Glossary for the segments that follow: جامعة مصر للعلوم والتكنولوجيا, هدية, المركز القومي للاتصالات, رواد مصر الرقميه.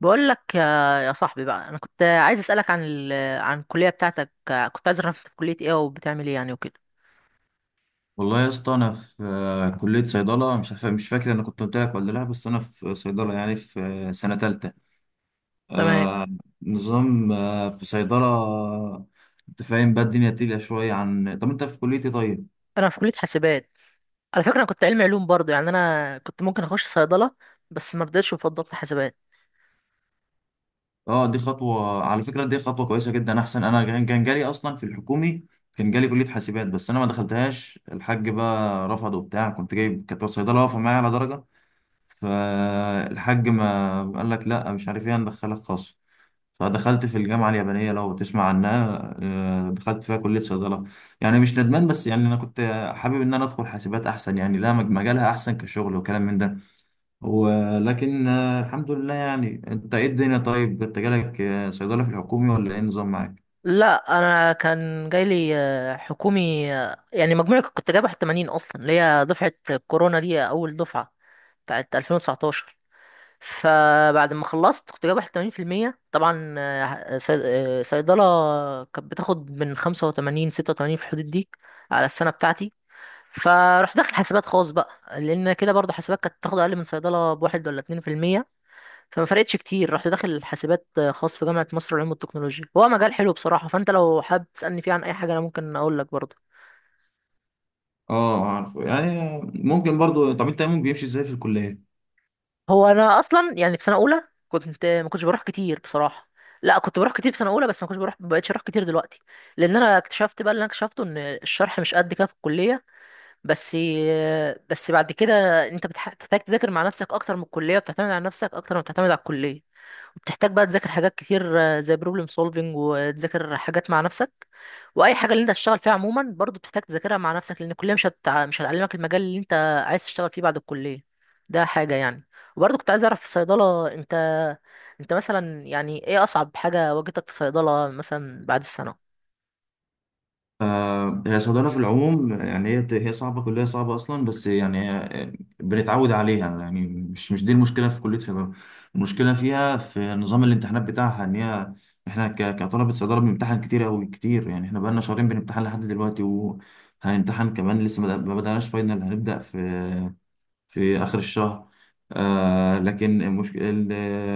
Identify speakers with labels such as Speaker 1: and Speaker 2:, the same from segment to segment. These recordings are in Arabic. Speaker 1: بقول لك يا صاحبي بقى. انا كنت عايز اسالك عن عن الكليه بتاعتك. كنت عايز اعرف انت في كليه ايه وبتعمل ايه يعني وكده.
Speaker 2: والله يا اسطى، انا في كليه صيدله، مش عارف، مش فاكر انا كنت قلت لك ولا لا، بس انا في صيدله، يعني في سنه ثالثه.
Speaker 1: تمام.
Speaker 2: آه. نظام، في صيدله. انت فاهم بقى، الدنيا تقيله شويه عن طب. انت في كليه ايه طيب؟
Speaker 1: انا في كليه حاسبات. على فكره، انا كنت علمي علوم برضه، يعني انا كنت ممكن اخش صيدله بس ما رضيتش وفضلت حاسبات.
Speaker 2: اه، دي خطوه على فكره، دي خطوه كويسه جدا، احسن. انا كان جالي اصلا في الحكومي، كان جالي كليه حاسبات، بس انا ما دخلتهاش، الحاج بقى رفض وبتاع. كنت جايب، كانت صيدله واقفه معايا على درجه، فالحاج ما قال لك لا، مش عارف ايه، هندخلك خاص. فدخلت في الجامعة اليابانية، لو تسمع عنها، دخلت فيها كلية صيدلة. يعني مش ندمان، بس يعني أنا كنت حابب إن أنا أدخل حاسبات أحسن، يعني لا، مجالها أحسن كشغل وكلام من ده. ولكن الحمد لله يعني. أنت إيه الدنيا؟ طيب، أنت جالك صيدلة في الحكومي ولا إيه النظام معاك؟
Speaker 1: لا، انا كان جاي لي حكومي، يعني مجموعي كنت جايب 81 اصلا، اللي هي دفعه كورونا دي، اول دفعه بتاعت 2019. فبعد ما خلصت كنت جايب 81% طبعا. صيدلة كانت بتاخد من 85 86 في الحدود دي، على السنة بتاعتي. فروح داخل حاسبات خاص بقى، لأن كده برضه حاسبات كانت بتاخد أقل من صيدلة بواحد ولا 2%، فما فرقتش كتير. رحت داخل حاسبات خاص في جامعة مصر للعلوم والتكنولوجيا. هو مجال حلو بصراحة، فأنت لو حابب تسألني فيه عن أي حاجة أنا ممكن أقول لك برضه.
Speaker 2: أه، عارف يعني. ممكن برضو. طب أنت يومك بيمشي إزاي في الكلية؟
Speaker 1: هو انا اصلا يعني في سنه اولى كنت ما كنتش بروح كتير بصراحه. لا، كنت بروح كتير في سنه اولى، بس ما كنتش بروح، ما بقتش اروح كتير دلوقتي، لان انا اكتشفت بقى، اللي انا اكتشفته ان الشرح مش قد كده في الكليه. بس بس بعد كده انت بتحتاج تذاكر مع نفسك اكتر من الكليه، وبتعتمد على نفسك اكتر ما بتعتمد على الكليه. وبتحتاج بقى تذاكر حاجات كتير، زي بروبلم سولفنج، وتذاكر حاجات مع نفسك. واي حاجه اللي انت تشتغل فيها عموما برضو بتحتاج تذاكرها مع نفسك، لان الكليه مش هتعلمك المجال اللي انت عايز تشتغل فيه بعد الكليه. ده حاجه يعني. وبرضو كنت عايز اعرف في صيدله، انت مثلا، يعني ايه اصعب حاجه واجهتك في صيدله مثلا بعد السنه؟
Speaker 2: هي الصيدلة في العموم يعني، هي صعبة، كلية صعبة أصلا، بس يعني هي بنتعود عليها. يعني مش دي المشكلة في كلية صيدلة، المشكلة فيها في نظام الامتحانات بتاعها، إن هي إحنا كطلبة صيدلة بنمتحن كتير أوي كتير. يعني إحنا بقالنا شهرين بنمتحن لحد دلوقتي، وهنمتحن كمان لسه، ما بدأناش فاينل، هنبدأ في آخر الشهر. آه، لكن المشكلة،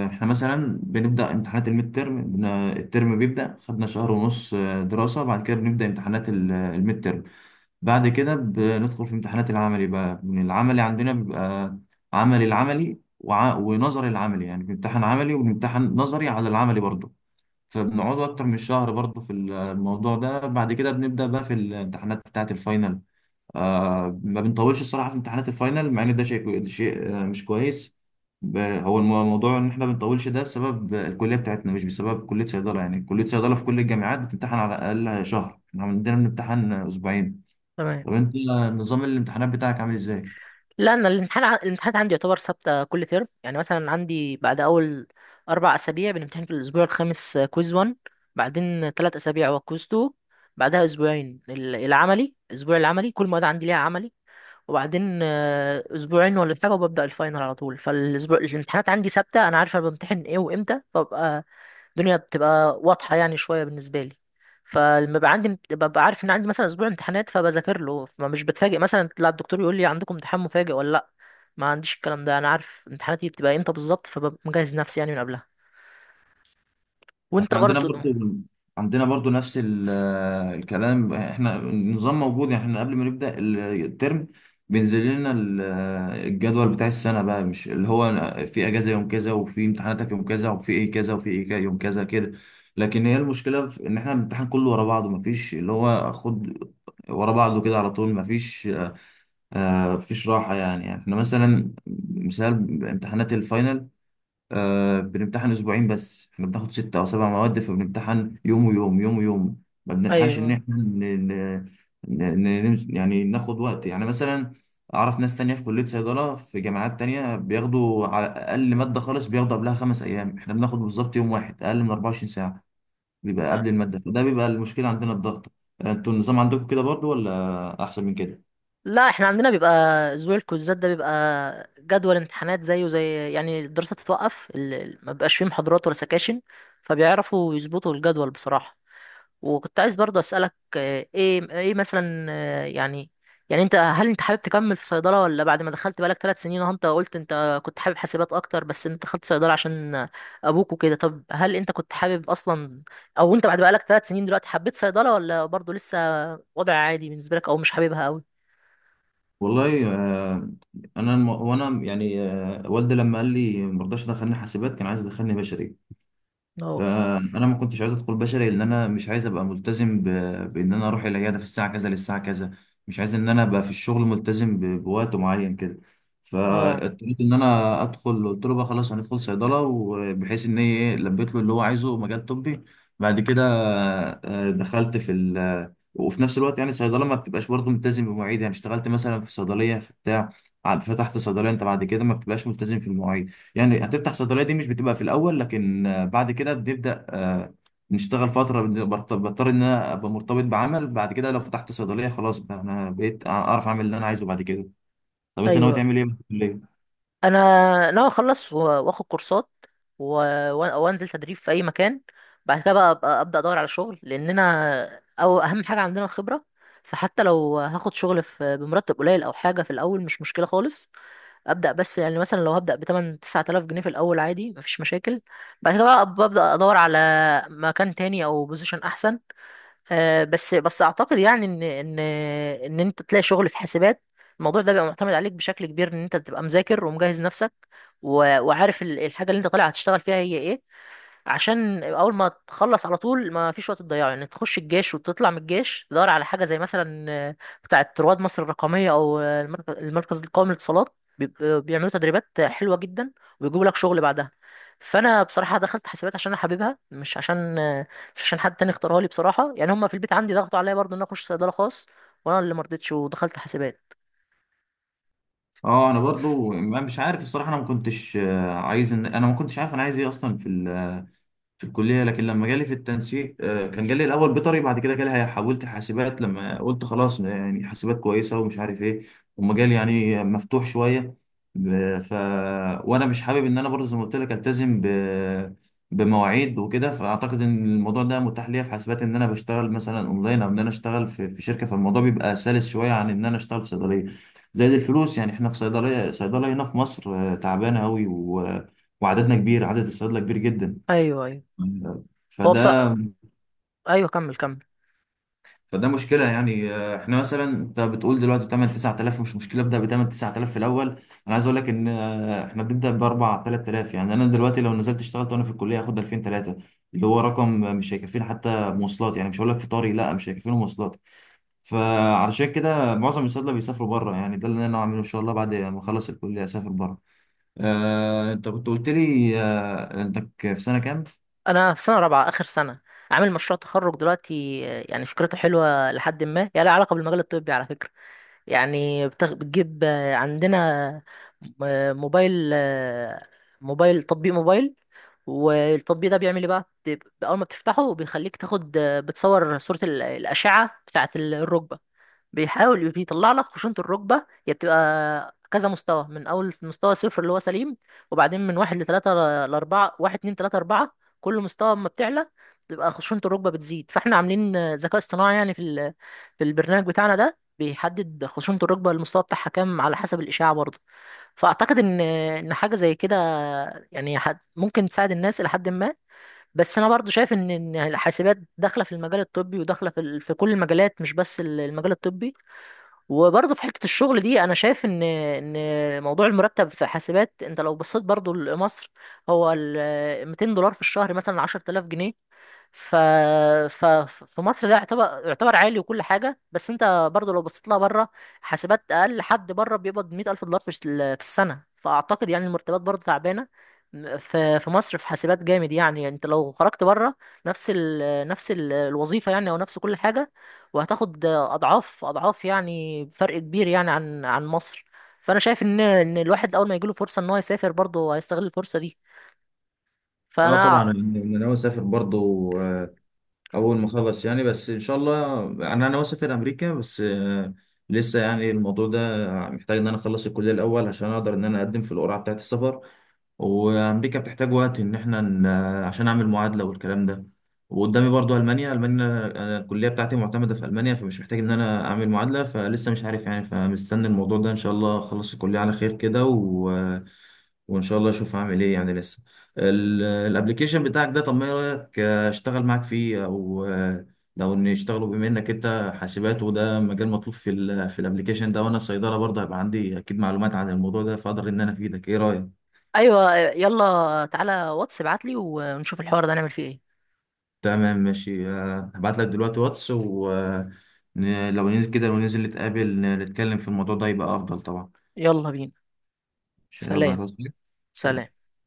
Speaker 2: احنا مثلا بنبدأ امتحانات الميد ترم، الترم بيبدأ، خدنا شهر ونص دراسة، بعد كده بنبدأ امتحانات الميد ترم. بعد كده بندخل في امتحانات العملي بقى. من العملي عندنا بيبقى عملي، العملي ونظري العملي، يعني بنمتحن عملي وبنمتحن نظري على العملي برضه، فبنقعد أكتر من شهر برضه في الموضوع ده. بعد كده بنبدأ بقى في الامتحانات بتاعة الفاينل. ما بنطولش الصراحه في امتحانات الفاينل، مع ان ده شيء، مش كويس. هو الموضوع ان احنا بنطولش ده بسبب الكليه بتاعتنا مش بسبب كليه صيدله. يعني كليه صيدله في كل الجامعات بتمتحن على الاقل شهر، احنا عندنا بنمتحن اسبوعين.
Speaker 1: تمام.
Speaker 2: طب انت، نظام الامتحانات بتاعك عامل ازاي؟
Speaker 1: لا، انا الامتحانات عندي يعتبر ثابته كل ترم. يعني مثلا عندي بعد اول اربع اسابيع بنمتحن في الاسبوع الخامس كويز 1، بعدين ثلاث اسابيع هو كويز 2، بعدها اسبوعين العملي، اسبوع العملي، كل مواد عندي ليها عملي. وبعدين اسبوعين ولا حاجه وببدا الفاينل على طول. فالاسبوع الامتحانات عندي ثابته، انا عارف انا بمتحن ايه وامتى، فببقى الدنيا بتبقى واضحة يعني شوية بالنسبة لي. فلما ببقى عندي، ببقى عارف ان عندي مثلا اسبوع امتحانات فبذاكر له، فمش بتفاجئ مثلا لا الدكتور يقول لي عندكم امتحان مفاجئ ولا لا. ما عنديش الكلام ده، انا عارف امتحاناتي بتبقى امتى بالظبط، فببقى مجهز نفسي يعني من قبلها. وانت
Speaker 2: احنا عندنا
Speaker 1: برضو؟
Speaker 2: برضو، نفس الكلام. احنا النظام موجود، يعني احنا قبل ما نبدأ الترم بينزل لنا الجدول بتاع السنة بقى، مش اللي هو في اجازة يوم كذا، وفي امتحاناتك يوم كذا، وفي ايه كذا، وفي ايه كذا يوم كذا كده. لكن هي المشكلة في ان احنا الامتحان كله ورا بعضه، مفيش اللي هو خد ورا بعضه كده على طول. مفيش راحة يعني. يعني احنا مثلا، مثال، امتحانات الفاينل، بنمتحن اسبوعين بس احنا بناخد ستة او سبع مواد، فبنمتحن يوم ويوم، يوم ويوم، ما بنلحقش ان
Speaker 1: ايوه.
Speaker 2: احنا ن... ن... يعني ناخد وقت. يعني مثلا، اعرف ناس تانية في كلية صيدلة في جامعات تانية، بياخدوا على اقل مادة خالص بياخدوا قبلها خمس ايام، احنا بناخد بالظبط يوم واحد، اقل من 24 ساعة بيبقى قبل المادة. فده بيبقى المشكلة عندنا، الضغط. انتوا النظام عندكم كده برضو ولا احسن من كده؟
Speaker 1: لا، احنا عندنا بيبقى اسبوع الكوزات ده، بيبقى جدول امتحانات زيه زي، يعني الدراسة تتوقف، ما بيبقاش فيه محاضرات ولا سكاشن. فبيعرفوا يظبطوا الجدول بصراحة. وكنت عايز برضو اسالك ايه ايه مثلا، يعني يعني انت هل انت حابب تكمل في صيدله، ولا بعد ما دخلت بقالك ثلاث سنين اهو، انت قلت انت كنت حابب حاسبات اكتر بس انت دخلت صيدله عشان ابوك وكده. طب هل انت كنت حابب اصلا، او انت بعد بقالك ثلاث سنين دلوقتي حبيت صيدله، ولا برضو لسه وضع عادي بالنسبه لك او مش حاببها قوي؟
Speaker 2: والله، انا وانا يعني والدي لما قال لي ما رضاش يدخلني حاسبات، كان عايز يدخلني بشري.
Speaker 1: اه.
Speaker 2: فانا ما كنتش عايز ادخل بشري، لان انا مش عايز ابقى ملتزم بان انا اروح العياده في الساعه كذا للساعه كذا. مش عايز ان انا ابقى في الشغل ملتزم بوقت معين كده.
Speaker 1: اه.
Speaker 2: فاضطريت ان انا ادخل، قلت له بقى خلاص هندخل صيدله، وبحيث ان هي ايه، لبيت له اللي هو عايزه، مجال طبي. بعد كده دخلت في وفي نفس الوقت، يعني الصيدله ما بتبقاش برضه ملتزم بمواعيد. يعني اشتغلت مثلا في صيدليه في بتاع، فتحت صيدليه انت بعد كده، ما بتبقاش ملتزم في المواعيد. يعني هتفتح صيدلية، دي مش بتبقى في الأول، لكن بعد كده بنبدأ نشتغل فترة، بضطر إن أنا أبقى مرتبط بعمل. بعد كده لو فتحت صيدلية خلاص، بقى أنا بقيت أعرف أعمل اللي أنا عايزه بعد كده. طب أنت ناوي
Speaker 1: ايوه.
Speaker 2: تعمل إيه بعد الكلية؟
Speaker 1: انا ناوي اخلص واخد كورسات، وانزل تدريب في اي مكان. بعد كده بقى أبقى ابدا ادور على شغل، لاننا او اهم حاجه عندنا الخبره. فحتى لو هاخد شغل في بمرتب قليل او حاجه في الاول مش مشكله خالص ابدا. بس يعني مثلا لو هبدا ب 8 9000 جنيه في الاول عادي، مفيش مشاكل. بعد كده بقى ببدا ادور على مكان تاني او بوزيشن احسن. بس بس اعتقد يعني ان ان انت تلاقي شغل في حاسبات، الموضوع ده بيبقى معتمد عليك بشكل كبير، ان انت تبقى مذاكر ومجهز نفسك وعارف الحاجه اللي انت طالع هتشتغل فيها هي ايه. عشان اول ما تخلص على طول ما فيش وقت تضيعه، يعني تخش الجيش وتطلع من الجيش تدور على حاجه زي مثلا بتاعه رواد مصر الرقميه، او المركز القومي للاتصالات. بيعملوا تدريبات حلوه جدا، وبيجيبوا لك شغل بعدها. فانا بصراحه دخلت حسابات عشان انا حاببها، مش عشان مش عشان حد تاني اختارها لي بصراحه. يعني هم في البيت عندي ضغطوا عليا برضه ان أنا اخش صيدله خاص، وانا اللي مرضتش ودخلت حسابات.
Speaker 2: أه، أنا برضو مش عارف الصراحة، أنا ما كنتش عايز إن أنا، ما كنتش عارف أنا عايز إيه أصلا في الكلية. لكن لما جالي في التنسيق، كان جالي الأول بيطري، بعد كده جالي، حولت حاسبات لما قلت خلاص، يعني حاسبات كويسة ومش عارف إيه، ومجال يعني مفتوح شوية. ب- ف وأنا مش حابب إن أنا برضه زي ما قلت لك ألتزم بمواعيد وكده. فأعتقد إن الموضوع ده متاح ليا في حاسبات، إن أنا بشتغل مثلا أونلاين، أو إن أنا أشتغل في شركة. فالموضوع بيبقى سلس شوية عن إن أنا أشتغل في صيدلية. زائد الفلوس، يعني إحنا في صيدلية، هنا في مصر تعبانة أوي وعددنا كبير، عدد الصيادلة كبير جدا.
Speaker 1: ايوه، ايوه. هو بص.
Speaker 2: فده
Speaker 1: ايوه، كمل كمل.
Speaker 2: فده مشكله يعني. احنا مثلا، انت بتقول دلوقتي 8 9000 مش مشكله، ابدا ب 8 9000 في الاول. انا عايز اقول لك ان اه، احنا بنبدا ب 4 3000، يعني انا دلوقتي لو نزلت اشتغلت وانا في الكليه هاخد 2000 3، اللي هو رقم مش هيكفيني حتى مواصلات. يعني مش هقول لك فطاري، لا، مش هيكفيني مواصلات. فعلشان كده معظم الصيادله بيسافروا بره، يعني ده اللي انا هعمله ان شاء الله، بعد ما اخلص الكليه اسافر بره. انت كنت قلت لي انك في سنه كام؟
Speaker 1: انا في سنه رابعه، اخر سنه. عامل مشروع تخرج دلوقتي، يعني فكرته حلوه لحد ما، يعني لها علاقه بالمجال الطبي على فكره. يعني بتجيب عندنا موبايل، موبايل تطبيق موبايل. والتطبيق ده بيعمل ايه بقى؟ اول ما بتفتحه بيخليك تاخد، بتصور صوره الاشعه بتاعه الركبه. بيحاول بيطلع لك خشونة الركبة. هي بتبقى كذا مستوى، من أول مستوى صفر اللي هو سليم، وبعدين من واحد لتلاتة لأربعة: واحد، اتنين، تلاتة، أربعة. كل مستوى أما بتعلى، بتبقى خشونة الركبة بتزيد. فاحنا عاملين ذكاء اصطناعي يعني في البرنامج بتاعنا ده، بيحدد خشونة الركبة المستوى بتاعها كام على حسب الإشاعة برضه. فأعتقد إن حاجة زي كده يعني، حد ممكن تساعد الناس إلى حد ما. بس أنا برضه شايف إن الحاسبات داخلة في المجال الطبي، وداخلة في كل المجالات، مش بس المجال الطبي. وبرضه في حته الشغل دي، انا شايف ان موضوع المرتب في حاسبات، انت لو بصيت برضه لمصر، هو ال 200 دولار في الشهر مثلا 10,000 جنيه. ف... ف... في مصر ده يعتبر يعتبر عالي وكل حاجة. بس انت برضو لو بصيت لها بره، حاسبات اقل حد بره بيقبض مئة ألف دولار في السنة. فأعتقد يعني المرتبات برضو تعبانة في مصر. في حاسبات جامد يعني، يعني انت لو خرجت بره، الوظيفة يعني، او نفس كل حاجة، وهتاخد اضعاف اضعاف يعني فرق كبير يعني عن مصر. فانا شايف ان الواحد اول ما يجيله فرصة ان هو يسافر برضه هيستغل الفرصة دي.
Speaker 2: اه
Speaker 1: فانا.
Speaker 2: طبعا، أنا ناوي اسافر برضه اول ما اخلص يعني. بس ان شاء الله انا ناوي اسافر امريكا، بس لسه يعني الموضوع ده محتاج ان انا اخلص الكليه الاول عشان اقدر ان انا اقدم في القرعه بتاعه السفر. وامريكا بتحتاج وقت ان احنا عشان اعمل معادله والكلام ده. وقدامي برضو المانيا، أنا الكليه بتاعتي معتمده في المانيا، فمش محتاج ان انا اعمل معادله. فلسه مش عارف يعني، فمستني الموضوع ده ان شاء الله، اخلص الكليه على خير كده وان شاء الله اشوف هعمل ايه يعني لسه. الابليكيشن بتاعك ده، طب ما ايه رايك اشتغل معاك فيه، او لو ان يشتغلوا، بما انك انت حاسبات وده مجال مطلوب في الابليكيشن ده، وانا صيدله برضه هيبقى عندي اكيد معلومات عن الموضوع ده، فاقدر ان انا افيدك. ايه رايك؟
Speaker 1: ايوه، يلا تعالى واتس ابعت لي، ونشوف الحوار ده نعمل فيه ايه.
Speaker 2: تمام ماشي. هبعت لك دلوقتي واتس، ولو ننزل كده، لو ننزل نتقابل، نتكلم في الموضوع ده يبقى افضل طبعا.
Speaker 1: يلا بينا.
Speaker 2: عشان يلا
Speaker 1: سلام.
Speaker 2: هتوصل.
Speaker 1: سلام.
Speaker 2: سلام.